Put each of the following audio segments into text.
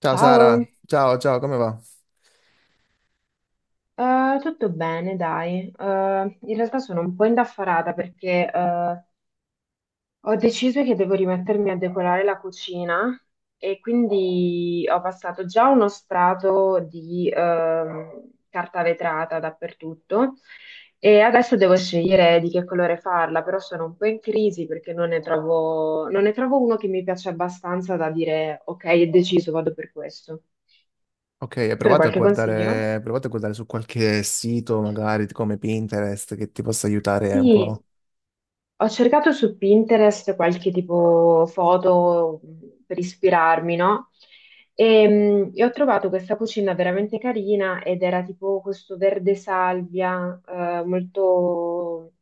Ciao Ciao. Sara, ciao, ciao, come va? Tutto bene, dai. In realtà sono un po' indaffarata perché ho deciso che devo rimettermi a decorare la cucina e quindi ho passato già uno strato di carta vetrata dappertutto e adesso devo scegliere di che colore farla, però sono un po' in crisi perché non ne trovo uno che mi piace abbastanza da dire ok, è deciso, vado per questo. Ok, hai Tu hai provato a qualche consiglio? guardare, hai provato a guardare su qualche sito, magari come Pinterest, che ti possa aiutare un Sì. po'. Ho cercato su Pinterest qualche tipo foto per ispirarmi, no? E ho trovato questa cucina veramente carina ed era tipo questo verde salvia, molto,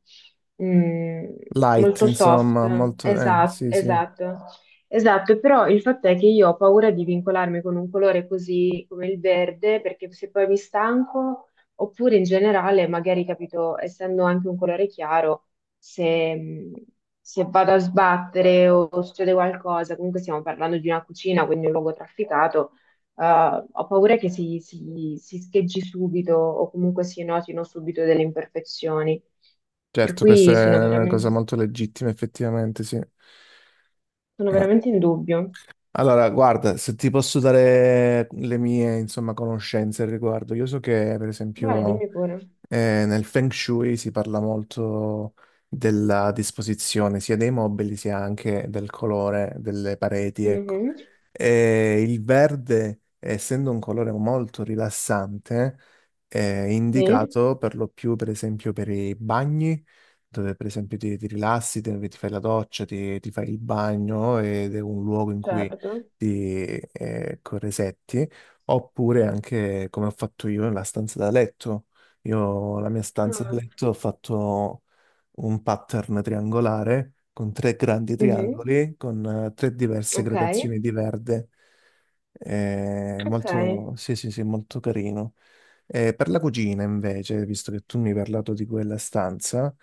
mh, Light, molto soft. insomma, Esatto, sì, sì. esatto, esatto. Però il fatto è che io ho paura di vincolarmi con un colore così come il verde, perché se poi mi stanco, oppure in generale, magari capito, essendo anche un colore chiaro se, mh, se vado a sbattere o succede qualcosa, comunque stiamo parlando di una cucina, quindi un luogo trafficato, eh, ho paura che si scheggi subito o comunque si notino subito delle imperfezioni. Per Certo, questa cui è una cosa molto legittima, effettivamente, sì. sono Eh. veramente in dubbio. Allora, guarda, se ti posso dare le mie, insomma, conoscenze al riguardo, io so che, per Vai, esempio... dimmi pure. Nel Feng Shui si parla molto della disposizione sia dei mobili sia anche del colore delle pareti, ecco. Mhm. E il verde, essendo un colore molto rilassante, è Sì, indicato per lo più, per esempio, per i bagni, dove per esempio ti rilassi, dove ti fai la doccia, ti fai il bagno ed è un luogo in cui certo. ti corresetti, oppure anche come ho fatto io nella stanza da letto. Io la mia stanza Ah. da letto ho fatto un pattern triangolare con tre grandi Mhm. triangoli, con tre diverse Ok, gradazioni di verde. Ok. Molto, sì, sì, sì, molto carino. Per la cucina, invece, visto che tu mi hai parlato di quella stanza,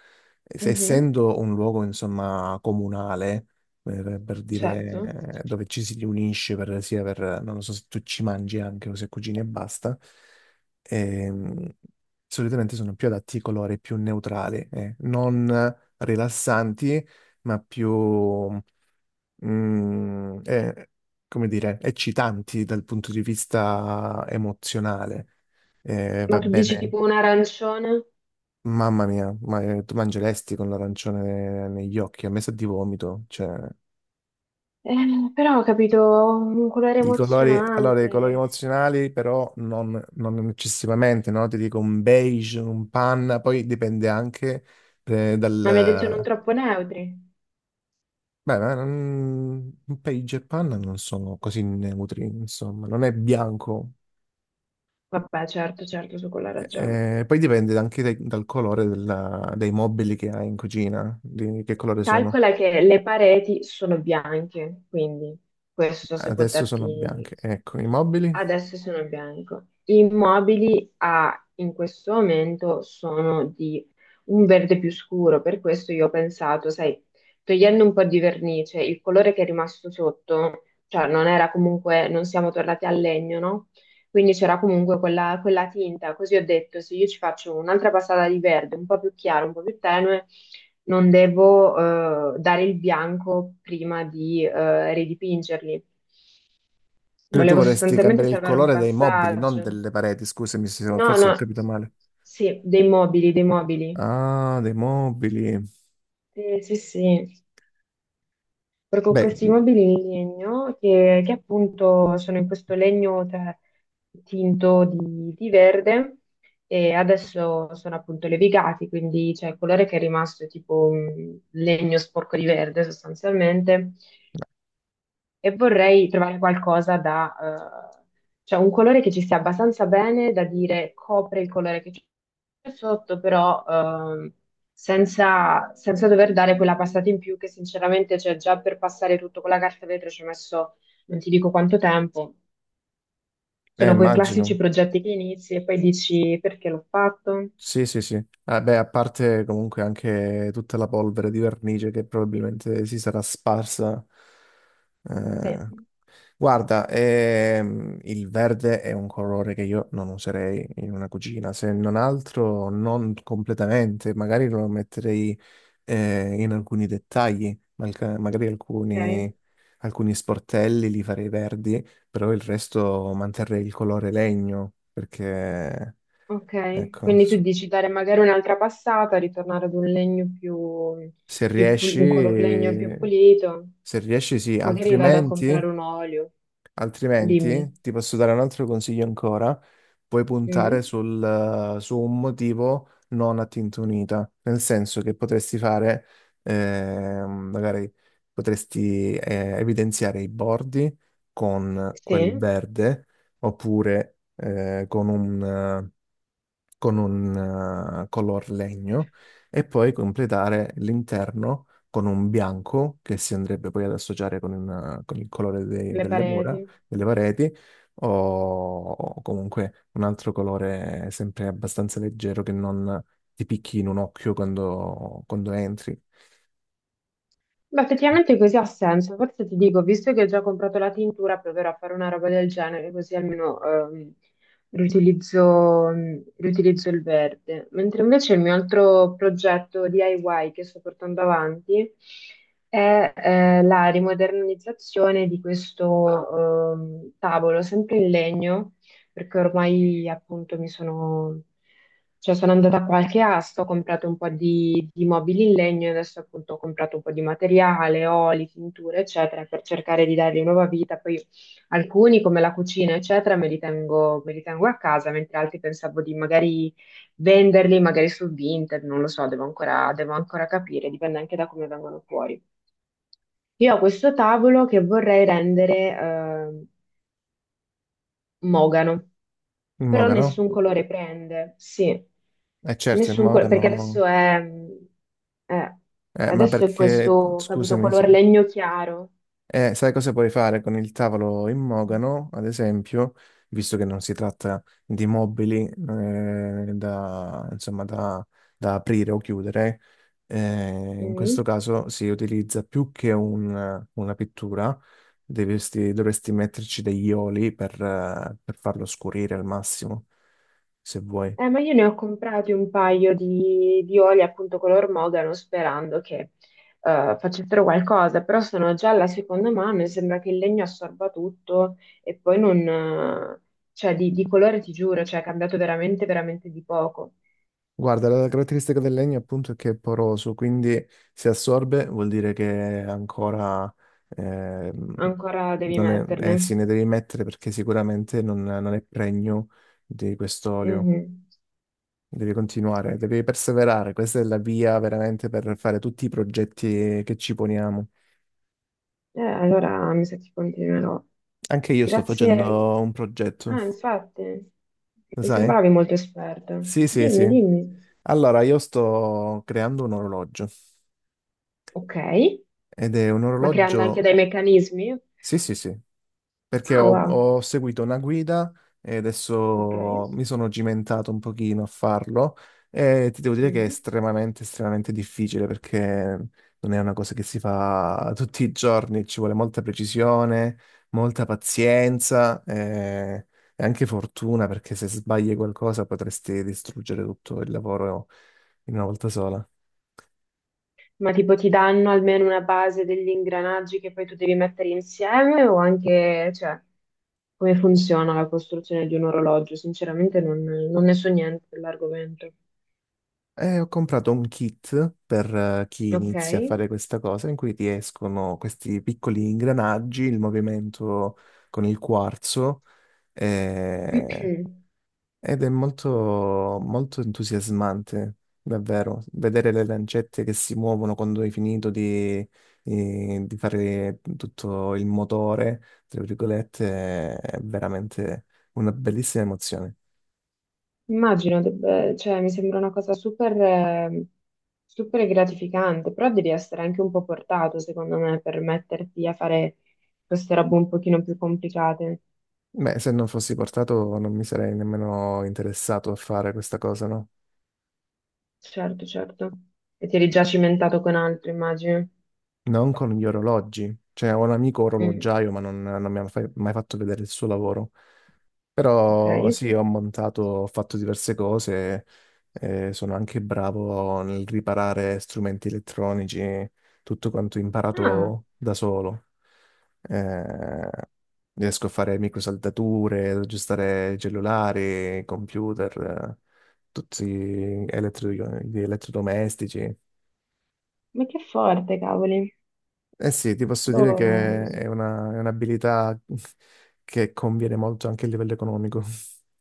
Mhm. essendo un luogo, insomma, comunale, per Certo. dire, dove ci si riunisce, per, sia per, non lo so se tu ci mangi anche o se cucini e basta, ehm, solitamente sono più adatti ai colori più neutrali, non rilassanti, ma più, mm, eh, come dire, eccitanti dal punto di vista emozionale. Ma Va tu dici bene, tipo un arancione? mamma mia, ma tu mangeresti con l'arancione negli occhi, a me sa di vomito, cioè... Però ho capito un colore I colori, allora, i colori emozionante, emozionali però non eccessivamente, no? Ti dico un beige, un panna, poi dipende anche eh, ma mi hai detto non dal, troppo neutri. beh, ma un page e panna non sono così neutri, insomma, non è bianco. Vabbè, certo, certo, su quella ragione. Poi dipende anche dal colore dei mobili che hai in cucina, di che colore sono. Calcola che le pareti sono bianche, quindi questo se può Adesso sono darti. bianche. Ecco, i mobili. Adesso sono in bianco. I mobili a- in questo momento sono di un verde più scuro, per questo io ho pensato, sai, togliendo un po' di vernice, il colore che è rimasto sotto, cioè non era comunque, non siamo tornati al legno, no? Quindi c'era comunque quella tinta, così ho detto, se io ci faccio un'altra passata di verde, un po' più chiaro, un po' più tenue, non devo dare il bianco prima di ridipingerli. Quindi tu Volevo vorresti sostanzialmente cambiare il salvare un colore dei mobili, non passaggio. delle pareti, scusami se No, forse ho no, capito male. sì, dei mobili, dei mobili. Ah, dei mobili. Sì, sì, sì. Proprio Beh, questi mobili in legno che appunto sono in questo legno tinto di verde e adesso sono appunto levigati, quindi c'è il colore che è rimasto è tipo un legno sporco di verde sostanzialmente. E vorrei trovare qualcosa da, cioè un colore che ci stia abbastanza bene da dire copre il colore che c'è sotto, però senza, senza dover dare quella passata in più che sinceramente c'è già, per passare tutto con la carta vetro ci ho messo non ti dico quanto tempo. Sono quei classici immagino. progetti che inizi e poi dici perché l'ho fatto? Sì, sì, sì. Ah, beh, a parte comunque anche tutta la polvere di vernice che probabilmente si sarà sparsa. Sì, Eh, Guarda, il verde è un colore che io non userei in una cucina, se non altro non completamente, magari lo metterei in alcuni dettagli, magari alcuni, ok. alcuni sportelli li farei verdi, però il resto manterrei il colore legno, perché... Ok, Ecco, quindi tu dici dare magari un'altra passata, ritornare ad un legno più, se riesci, un color legno più pulito, se riesci sì, magari vado a comprare altrimenti, un olio, dimmi. altrimenti ti posso dare un altro consiglio ancora. Puoi puntare Mm? sul, su un motivo non a tinta unita, nel senso che potresti fare, magari potresti evidenziare i bordi con quel Sì, verde oppure con un color legno e poi completare l'interno con un bianco che si andrebbe poi ad associare con, con il colore le delle mura, pareti. delle pareti o, o comunque un altro colore sempre abbastanza leggero che non ti picchi in un occhio quando, quando entri. Beh, effettivamente così ha senso. Forse ti dico, visto che ho già comprato la tintura, proverò a fare una roba del genere, così almeno riutilizzo, riutilizzo il verde. Mentre invece il mio altro progetto DIY che sto portando avanti è la rimodernizzazione di questo tavolo, sempre in legno, perché ormai appunto mi sono, cioè sono andata a qualche asta, ho comprato un po' di mobili in legno e adesso appunto ho comprato un po' di materiale, oli, tinture, eccetera, per cercare di dargli nuova vita. Poi alcuni, come la cucina, eccetera, me li tengo a casa, mentre altri pensavo di magari venderli, magari su Vinted, non lo so, devo ancora capire, dipende anche da come vengono fuori. Io ho questo tavolo che vorrei rendere mogano. Il Però mogano? nessun colore prende, sì, Eh certo, il nessun colore, perché mogano. Eh, Ma adesso è perché, questo, capito, scusami, sì. color legno chiaro. Sai cosa puoi fare con il tavolo in mogano, ad esempio, visto che non si tratta di mobili da, insomma, da, da aprire o chiudere, eh, in questo Mm. caso si utilizza più che una pittura, dovresti, dovresti metterci degli oli per farlo scurire al massimo, se vuoi. Ma io ne ho comprati un paio di oli appunto color mogano sperando che facessero qualcosa, però sono già alla seconda mano e sembra che il legno assorba tutto e poi non... cioè di colore ti giuro, cioè è cambiato veramente, veramente di poco. Guarda, la caratteristica del legno appunto è che è poroso, quindi se assorbe vuol dire che è ancora ehm, Ancora devi non è, eh sì, metterne. ne devi mettere perché sicuramente non è pregno di quest'olio. Mhm. Devi continuare, devi perseverare, questa è la via veramente per fare tutti i progetti che ci poniamo. Allora mi sa che continuerò. Anche io sto facendo Grazie. un progetto, Ah, infatti, mi lo sai? sembravi molto esperta. Sì, sì, Dimmi, sì. dimmi. Allora, io sto creando un orologio Ok, ed è un ma creando anche orologio, dei meccanismi? sì, sì, sì, perché Ah, wow, ho seguito una guida e ok. adesso mi sono cimentato un pochino a farlo e ti devo dire che è Mm. estremamente, estremamente difficile perché non è una cosa che si fa tutti i giorni, ci vuole molta precisione, molta pazienza e anche fortuna perché se sbagli qualcosa potresti distruggere tutto il lavoro in una volta sola. Ma tipo ti danno almeno una base degli ingranaggi che poi tu devi mettere insieme o anche, cioè, come funziona la costruzione di un orologio? Sinceramente non ne so niente dell'argomento. Ho comprato un kit per chi Ok? inizia a fare questa cosa in cui ti escono questi piccoli ingranaggi, il movimento con il quarzo eh, ed è molto, molto entusiasmante, davvero, vedere le lancette che si muovono quando hai finito di fare tutto il motore, tra virgolette, è veramente una bellissima emozione. Immagino, debba- cioè, mi sembra una cosa super, super gratificante, però devi essere anche un po' portato, secondo me, per metterti a fare queste robe un pochino più complicate. Beh, se non fossi portato non mi sarei nemmeno interessato a fare questa cosa, no? Certo, certo. E ti eri già cimentato con altro, immagino. Non con gli orologi. Cioè, ho un amico Mm, orologiaio, ma non mi ha mai fatto vedere il suo lavoro. ok. Però sì, ho montato, ho fatto diverse cose, sono anche bravo nel riparare strumenti elettronici, tutto quanto Ah, imparato da solo. Eh, riesco a fare microsaldature, ad aggiustare cellulari, computer, tutti gli elettrodomestici. ma che forte, cavoli. Eh sì, ti posso dire Boh. che è è un'abilità che conviene molto anche a livello economico.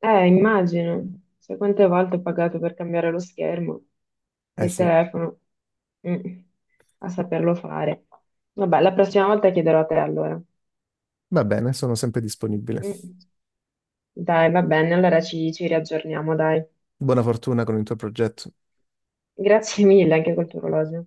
Immagino. Sai quante volte ho pagato per cambiare lo schermo Eh del sì. telefono? Mm, a saperlo fare. Vabbè, la prossima volta chiederò a te allora. Va bene, sono sempre disponibile. Mm. Dai, va bene, allora ci riaggiorniamo, dai. Buona fortuna con il tuo progetto. Grazie mille anche col tuo orologio.